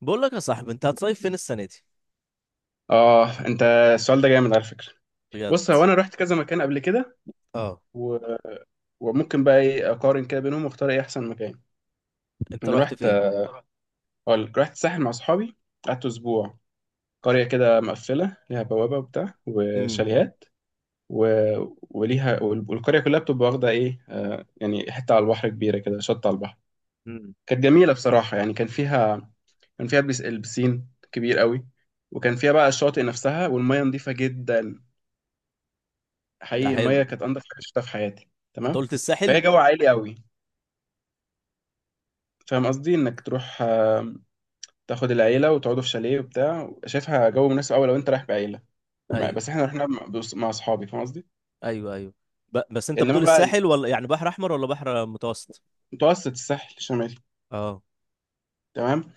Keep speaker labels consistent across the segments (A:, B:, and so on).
A: بقول لك يا صاحبي، انت هتصيف فين السنه دي؟
B: اه، انت السؤال ده جامد على فكره.
A: بجد.
B: بص، هو انا رحت كذا مكان قبل كده
A: اه،
B: و... وممكن بقى ايه اقارن كده بينهم واختار ايه احسن مكان
A: انت
B: انا
A: رحت
B: رحت
A: فين؟
B: اقول لك رحت الساحل مع اصحابي قعدت اسبوع قريه كده مقفله ليها بوابه وبتاع
A: امم.
B: وشاليهات و... والقريه كلها بتبقى واخده ايه آه يعني حته على البحر كبيره كده، شط على البحر.
A: امم.
B: كانت جميله بصراحه يعني. كان فيها البسين كبير قوي. وكان فيها بقى الشاطئ نفسها والميه نظيفه جدا.
A: ده
B: حقيقي
A: حلو.
B: الميه كانت انضف حاجه شفتها في حياتي.
A: انت
B: تمام.
A: قلت الساحل.
B: فهي جو عائلي قوي، فاهم قصدي؟ انك تروح آه، تاخد العيله وتقعدوا في شاليه وبتاع. شايفها جو مناسب قوي لو انت رايح بعيله.
A: ايوه،
B: بس احنا رحنا مع اصحابي، فاهم قصدي.
A: ايوه، ايوه. بس انت
B: انما
A: بتقول
B: بقى،
A: الساحل ولا يعني بحر احمر ولا بحر متوسط؟
B: متوسط، الساحل الشمالي.
A: اه.
B: تمام.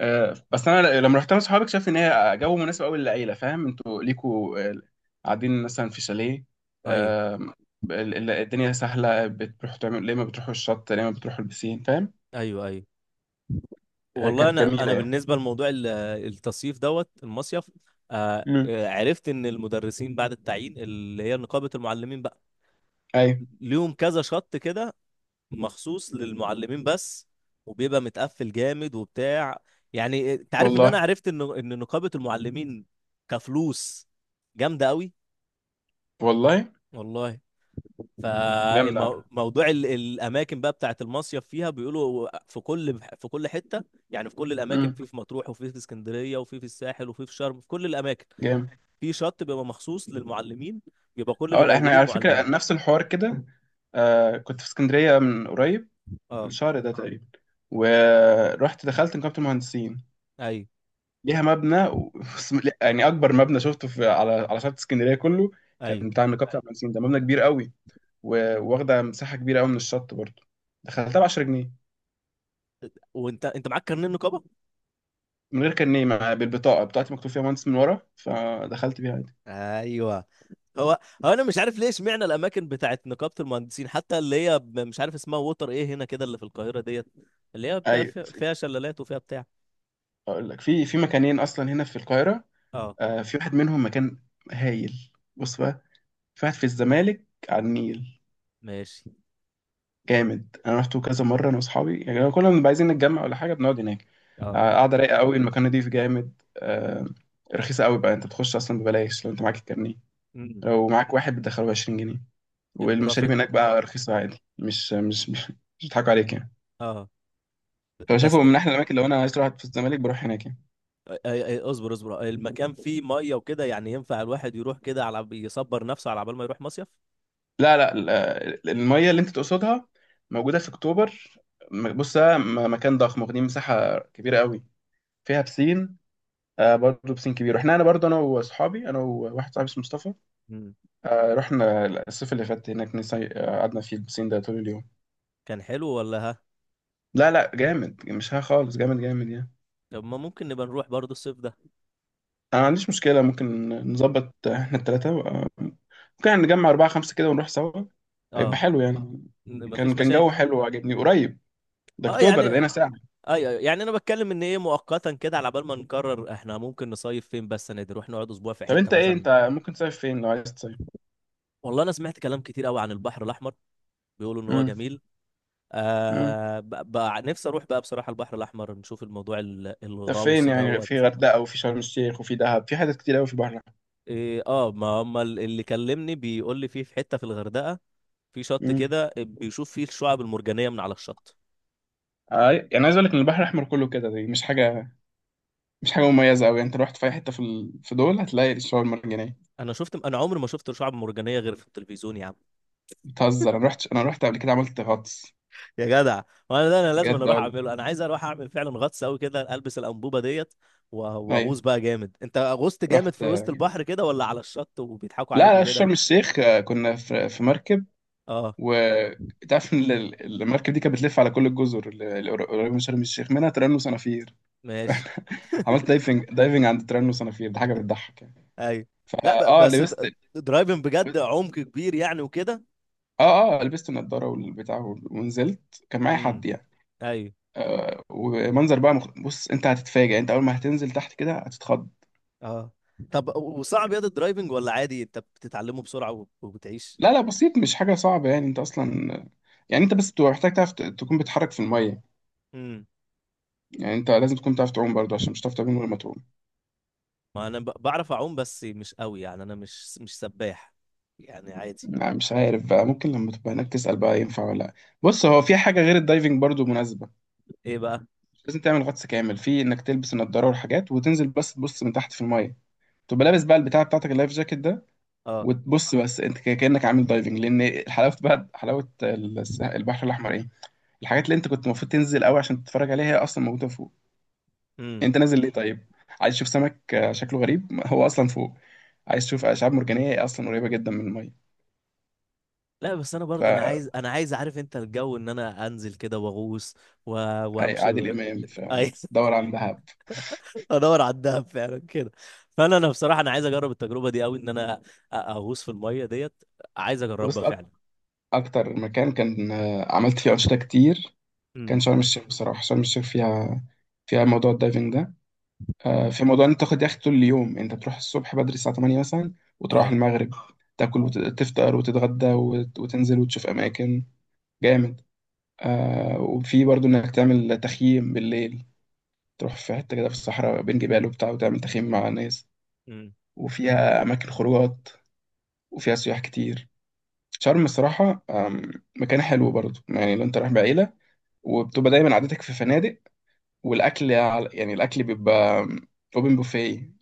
B: آه بس انا لما رحت مع اصحابي اكتشفت ان هي جو مناسب قوي للعيله. فاهم انتوا ليكوا آه، قاعدين مثلا في شاليه
A: ايوه،
B: آه، الدنيا سهله، بتروحوا تعملوا ليه، ما بتروحوا الشط، ليه ما بتروحوا البسين، فاهم؟
A: ايوه، ايوه.
B: آه،
A: والله،
B: كانت
A: انا
B: جميله
A: انا
B: يعني.
A: بالنسبه لموضوع التصيف دوت المصيف.
B: مم.
A: عرفت ان المدرسين بعد التعيين اللي هي نقابه المعلمين بقى
B: ايوه.
A: ليهم كذا شط كده مخصوص للمعلمين بس، وبيبقى متقفل جامد وبتاع. يعني انت عارف ان انا
B: والله.
A: عرفت ان نقابة المعلمين كفلوس جامدة قوي.
B: والله
A: والله.
B: جامد على.
A: فموضوع الاماكن بقى بتاعت المصيف فيها بيقولوا في كل حتة، يعني في كل الاماكن،
B: امم.
A: في مطروح وفي اسكندرية وفي الساحل وفي شرم، في كل الاماكن
B: جامد.
A: في شط بيبقى مخصوص للمعلمين، بيبقى كل اللي
B: اقول احنا
A: موجودين
B: على فكره
A: معلمين.
B: نفس الحوار كده. آه، كنت في اسكندريه من قريب،
A: اه.
B: الشهر ده تقريبا. ورحت دخلت نقابه المهندسين،
A: ايوه،
B: ليها مبنى لا، يعني اكبر مبنى شفته في على على شط اسكندريه كله
A: ايوه.
B: كان بتاع نقابه المهندسين. ده مبنى كبير قوي واخده مساحه كبيره قوي من الشط برضه. دخلتها ب 10 جنيه
A: وانت معاك كارنيه النقابة؟
B: من غير كارنيه. بالبطاقه بتاعتي مكتوب فيها مهندس من ورا، فدخلت بيها عادي.
A: ايوه. هو هو انا مش عارف ليه اشمعنى الاماكن بتاعت نقابه المهندسين، حتى اللي هي مش عارف اسمها، ووتر ايه هنا كده اللي في القاهره ديت، اللي هي بتبقى
B: ايوه.
A: فيها شلالات وفيها بتاع.
B: اقول لك، في مكانين اصلا هنا في القاهره.
A: اه.
B: آه، في واحد منهم مكان هايل. بص بقى، في واحد في الزمالك على النيل،
A: ماشي.
B: جامد. انا رحته كذا مره انا واصحابي يعني، كل ما بنبقى عايزين نتجمع ولا حاجه بنقعد هناك.
A: اه.
B: آه، قاعده رايقه قوي، المكان نضيف جامد. آه، رخيصه قوي بقى. انت بتخش اصلا ببلاش لو انت معاك الكارنيه.
A: أمم.
B: لو معاك واحد بتدخله 20 جنيه. والمشاريب
A: المرافق.
B: هناك بقى رخيصه عادي، مش مش بيضحكوا عليك يعني.
A: اه، بس
B: فشايفه من احلى الاماكن. لو انا عايز اروح في الزمالك بروح هناك يعني.
A: اصبر اصبر، المكان فيه ميه وكده، يعني ينفع الواحد يروح كده على يصبر نفسه على بال ما يروح مصيف.
B: لا لا، المية اللي انت تقصدها موجودة في اكتوبر. بص، ده مكان ضخم، واخدين مساحة كبيرة قوي، فيها بسين. آه برضه بسين كبير. احنا انا برضه، انا واصحابي، انا وواحد صاحبي اسمه مصطفى،
A: أمم.
B: آه رحنا الصيف اللي فات هناك. آه، قعدنا في البسين ده طول اليوم.
A: كان حلو ولا ها؟
B: لا لا، جامد، مش ها خالص، جامد جامد يعني.
A: طب ما ممكن نبقى نروح برضه الصيف ده.
B: انا ما عنديش مشكلة، ممكن نظبط احنا التلاتة. آه، ممكن يعني نجمع أربعة خمسة كده ونروح سوا. هيبقى
A: اه.
B: حلو يعني. كان
A: مفيش
B: كان جو
A: مشاكل.
B: حلو وعجبني، قريب. ده
A: اه، يعني
B: اكتوبر ده هنا ساعة.
A: ايوه، ايوه، يعني انا بتكلم ان ايه، مؤقتا كده على بال ما نقرر احنا ممكن نصيف فين، بس انا نروح نقعد اسبوع في
B: طب
A: حته
B: انت ايه،
A: مثلا.
B: انت ممكن تصيف فين لو عايز تصيف؟
A: والله انا سمعت كلام كتير قوي عن البحر الاحمر، بيقولوا ان هو
B: امم.
A: جميل.
B: امم.
A: آه ب- ب- نفسي اروح بقى بصراحه البحر الاحمر، نشوف الموضوع
B: طب
A: الغوص
B: فين يعني؟ في
A: دوت.
B: غردقه وفي شرم الشيخ وفي دهب، في حاجات كتير قوي في البحر الاحمر.
A: إيه، اه، ما هم اللي كلمني بيقول لي فيه في حته في الغردقه، في شط
B: امم.
A: كده بيشوف فيه الشعاب المرجانيه من على الشط.
B: اي يعني، عايز اقول لك ان البحر الاحمر كله كده دي مش حاجه، مش حاجه مميزه قوي يعني. انت رحت في اي حته في في دول هتلاقي الشعاب المرجانيه.
A: انا شفت، انا عمري ما شفت شعاب مرجانيه غير في التلفزيون يا عم.
B: بتهزر؟ انا رحت قبل كده، عملت غطس.
A: يا جدع. وانا ده انا لازم،
B: بجد آه،
A: اروح
B: والله.
A: اعمله، انا عايز اروح اعمل فعلا غطس قوي كده، البس الانبوبه ديت
B: ايوه،
A: واغوص بقى جامد. انت غوصت جامد
B: رحت.
A: في وسط البحر كده، ولا على الشط وبيضحكوا
B: لا
A: عليكوا
B: لا،
A: كده؟
B: شرم الشيخ آه، كنا في مركب.
A: اه.
B: و تعرف ان المركب دي كانت بتلف على كل الجزر اللي قريبه من شرم الشيخ، منها تيران وصنافير.
A: ماشي.
B: عملت دايفنج عند تيرانو صنافير، دي حاجه بتضحك يعني.
A: ايوه. لا
B: فا
A: بس
B: لبست.
A: درايفنج بجد عمق كبير يعني وكده.
B: اه لبست النضاره والبتاع ونزلت، كان معايا
A: امم.
B: حد يعني.
A: ايوه.
B: ومنظر بقى بص، انت هتتفاجئ. انت اول ما هتنزل تحت كده هتتخض.
A: اه. طب وصعب ياض الدرايفنج ولا عادي؟ انت بتتعلمه بسرعه وبتعيش.
B: لا لا، بسيط، مش حاجه صعبه يعني. انت اصلا يعني انت بس بتبقى محتاج تعرف تكون بتتحرك في الميه.
A: امم.
B: يعني انت لازم تكون تعرف تعوم برضو، عشان مش هتعرف تعوم من غير ما تعوم.
A: ما انا بعرف اعوم بس مش قوي، يعني انا مش سباح، يعني عادي.
B: يعني مش عارف بقى، ممكن لما تبقى هناك تسال بقى ينفع ولا لا. بص، هو في حاجه غير الدايفنج برضو مناسبه.
A: ايه بقى؟
B: لازم تعمل غطس كامل، في انك تلبس النضاره والحاجات وتنزل بس تبص من تحت في الميه. تبقى لابس بقى البتاع بتاعتك، اللايف جاكيت ده،
A: اه.
B: وتبص بس انت كانك عامل دايفنج. لان حلاوه بقى، حلاوه البحر الاحمر ايه، الحاجات اللي انت كنت المفروض تنزل قوي عشان تتفرج عليها هي اصلا موجوده فوق.
A: مم.
B: انت نازل ليه طيب؟ عايز تشوف سمك آه، شكله غريب؟ ما هو اصلا فوق. عايز تشوف اشعاب مرجانيه؟ هي اصلا قريبه جدا من الميه.
A: لا، بس انا برضه، انا عايز، عارف انت الجو ان انا انزل كده واغوص و... وامشي
B: فعادل امام
A: عايز
B: فدور عن دهب.
A: ادور على الدهب فعلا كده. فانا بصراحه انا عايز اجرب التجربه دي قوي، ان انا اغوص في الميه ديت، عايز اجربها
B: بص
A: فعلا.
B: اكتر مكان كان آه، عملت فيه انشطه كتير كان
A: امم.
B: شرم الشيخ بصراحة. شرم الشيخ فيها، فيها موضوع الدايفنج ده. آه، في موضوع ان انت تاخد يخت طول اليوم. انت تروح الصبح بدري الساعة 8 مثلا وتروح
A: اه.
B: المغرب، تاكل وتفطر وتتغدى وتنزل وتشوف اماكن. جامد. آه، وفي برضو انك تعمل تخييم بالليل. تروح في حتة كده في الصحراء بين جبال وبتاع وتعمل تخييم مع ناس.
A: امم.
B: وفيها اماكن خروجات، وفيها سياح كتير. شرم الصراحة آم، مكان حلو برضو يعني لو انت رايح بعيلة وبتبقى دايما عادتك في فنادق. والاكل يعني الاكل بيبقى اوبن بوفيه.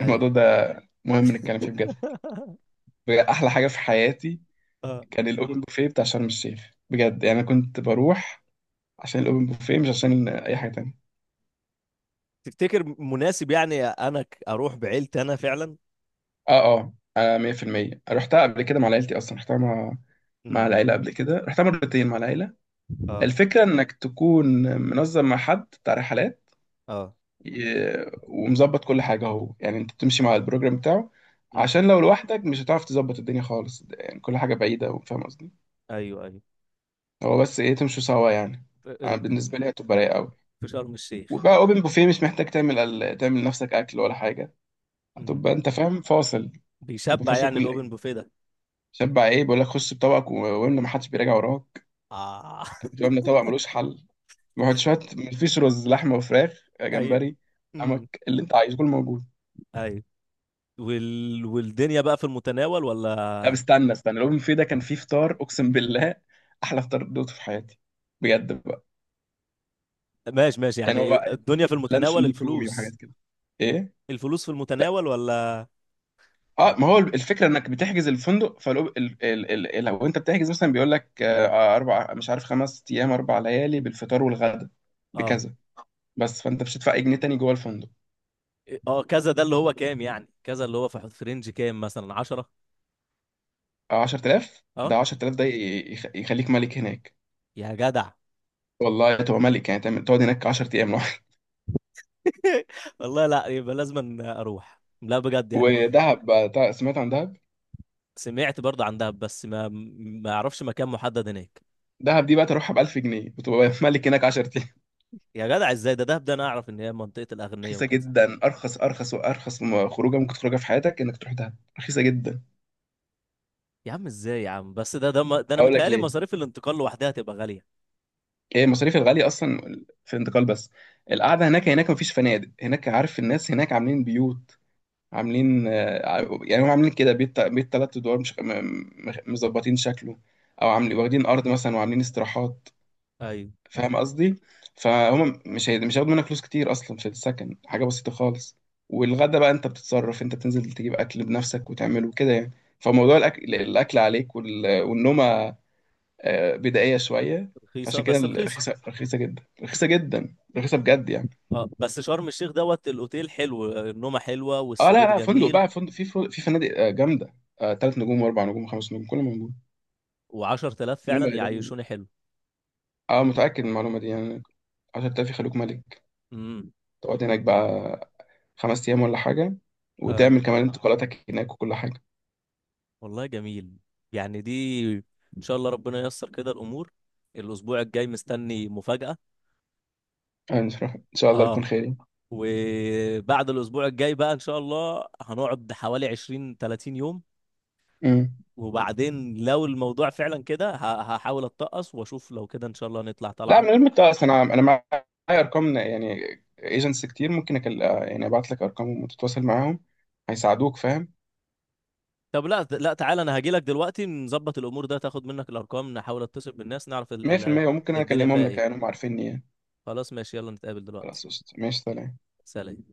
A: اي.
B: الموضوع ده مهم نتكلم فيه بجد. بجد احلى حاجه في حياتي
A: اه.
B: كان الاوبن بوفيه بتاع شرم الشيخ. بجد يعني انا كنت بروح عشان الاوبن بوفيه، مش عشان اي حاجه تانية.
A: تفتكر مناسب؟ يعني انا اروح بعيلتي انا فعلا.
B: اه آه، 100% رحتها قبل كده مع عيلتي اصلا. رحتها مع
A: امم.
B: العيله قبل كده، رحتها مرتين مع العيله.
A: اه.
B: الفكره انك تكون منظم مع حد بتاع رحلات
A: اه.
B: ومظبط كل حاجة اهو. يعني انت بتمشي مع البروجرام بتاعه،
A: امم.
B: عشان لو لوحدك مش هتعرف تظبط الدنيا خالص يعني. كل حاجة بعيدة وفاهم قصدي.
A: ايوه، ايوه.
B: هو بس ايه، تمشوا سوا يعني.
A: ف-
B: أنا
A: أم،
B: بالنسبة لي هتبقى رايقة قوي.
A: في شرم الشيخ.
B: وبقى اوبن بوفيه، مش محتاج تعمل تعمل لنفسك اكل ولا حاجة.
A: امم.
B: هتبقى انت فاهم، فاصل. تبقى
A: بيشبع
B: فاصل
A: يعني
B: كل
A: الاوبن
B: ايه،
A: بوفيه ده؟
B: شبع ايه. بيقول لك خش بطبقك واملى، ما حدش بيراجع وراك.
A: اه.
B: واملى طبق ملوش حل، وحط شوية. مفيش رز، لحمة وفراخ،
A: ايوه،
B: جمبري، سمك، اللي انت عايزه كله موجود.
A: ايوه. والدنيا بقى في المتناول
B: طب
A: ولا؟
B: استنى استنى، الاوبن بوفيه ده كان فيه فطار اقسم بالله احلى فطار دوته في حياتي، بجد بقى.
A: ماشي، ماشي،
B: يعني
A: يعني
B: هو
A: إيه، الدنيا في
B: لانشون
A: المتناول
B: دي كرومي وحاجات
A: الفلوس؟
B: كده ايه.
A: الفلوس في
B: لا،
A: المتناول ولا؟
B: اه ما هو الفكره انك بتحجز الفندق. فلو لو انت بتحجز مثلا بيقول لك آه، اربع، مش عارف خمس ايام، اربع ليالي بالفطار والغدا
A: اه،
B: بكذا بس. فانت مش هتدفع اي جنيه تاني جوه الفندق.
A: إيه، اه، كذا ده اللي هو كام؟ يعني كذا اللي هو في في رينج كام، مثلا 10.
B: آه، 10000 ده،
A: اه.
B: 10000 ده يخليك ملك هناك.
A: يا جدع.
B: والله تبقى ملك يعني، تعمل تقعد هناك 10 ايام لوحدك.
A: والله، لا، يبقى لازم اروح، لا بجد يعني.
B: ودهب بقى. سمعت عن
A: سمعت برضه عن دهب بس ما اعرفش مكان محدد هناك.
B: دهب دي بقى، تروحها ب 1000 جنيه وتبقى ملك هناك 10 ايام.
A: يا جدع، ازاي؟ ده دهب ده انا اعرف ان هي منطقة الاغنياء
B: رخيصه
A: وكده.
B: جدا، ارخص ارخص وارخص خروجه ممكن تخرجها في حياتك انك تروح دهب، رخيصه جدا.
A: يا عم، ازاي يا عم؟ بس ده انا
B: هقول لك
A: متهيألي
B: ليه.
A: مصاريف الانتقال لوحدها تبقى غالية.
B: هي المصاريف الغاليه اصلا في الانتقال بس. القعده هناك، هناك مفيش فنادق هناك عارف. الناس هناك عاملين بيوت، عاملين آه، يعني هم عاملين كده بيت بيت ثلاث ادوار، مش مظبطين شكله. او عاملين واخدين ارض مثلا وعاملين استراحات،
A: امم.
B: فاهم قصدي. فهم مش هياخدوا منك فلوس كتير. اصلا في السكن حاجه بسيطه خالص. والغدا بقى انت بتتصرف، انت بتنزل تجيب اكل بنفسك وتعمله كده يعني. فموضوع الاكل، الاكل عليك والنومه آه، بدائيه شويه.
A: رخيصة
B: فعشان كده
A: بس رخيصة.
B: رخيصه، رخيصه جدا، رخيصه جدا، رخيصه بجد يعني.
A: اه، بس شرم الشيخ دوت الأوتيل حلو، النومة حلوة
B: اه، لا
A: والسرير
B: لا، فندق
A: جميل،
B: بقى، فندق في فنادق آه، جامده. آه، تلات نجوم واربع نجوم وخمس نجوم كله موجود.
A: وعشرة آلاف
B: نوم
A: فعلا
B: بقى جامد.
A: يعيشوني حلو.
B: اه متاكد من المعلومه دي يعني، 10000 يخلوك ملك.
A: امم.
B: تقعد هناك بقى خمس أيام ولا حاجة،
A: اه.
B: وتعمل كمان آه. انتقالاتك هناك وكل حاجة.
A: والله جميل. يعني دي إن شاء الله ربنا ييسر كده الأمور. الأسبوع الجاي مستني مفاجأة.
B: آه، إن شاء الله يكون
A: اه.
B: خير يعني.
A: وبعد الأسبوع الجاي بقى إن شاء الله هنقعد حوالي 20 30 يوم،
B: امم.
A: وبعدين لو الموضوع فعلا كده هحاول أتقص وأشوف، لو كده إن شاء الله نطلع
B: لا،
A: طلعة.
B: من أصلا أنا معايا أرقام يعني، ايجنتس كتير. ممكن آه، يعني أبعت لك أرقامهم وتتواصل معاهم، هيساعدوك فاهم.
A: طب لا لا، تعالى انا هاجي لك دلوقتي، نظبط الامور، ده تاخد منك الارقام، نحاول اتصل بالناس، نعرف
B: 100% وممكن أنا
A: الدنيا
B: أكلمهم
A: فيها
B: لك يعني،
A: ايه.
B: هم عارفيني يعني.
A: خلاص ماشي، يلا نتقابل دلوقتي.
B: خلاص قشطة. ماشي سلام.
A: سلام.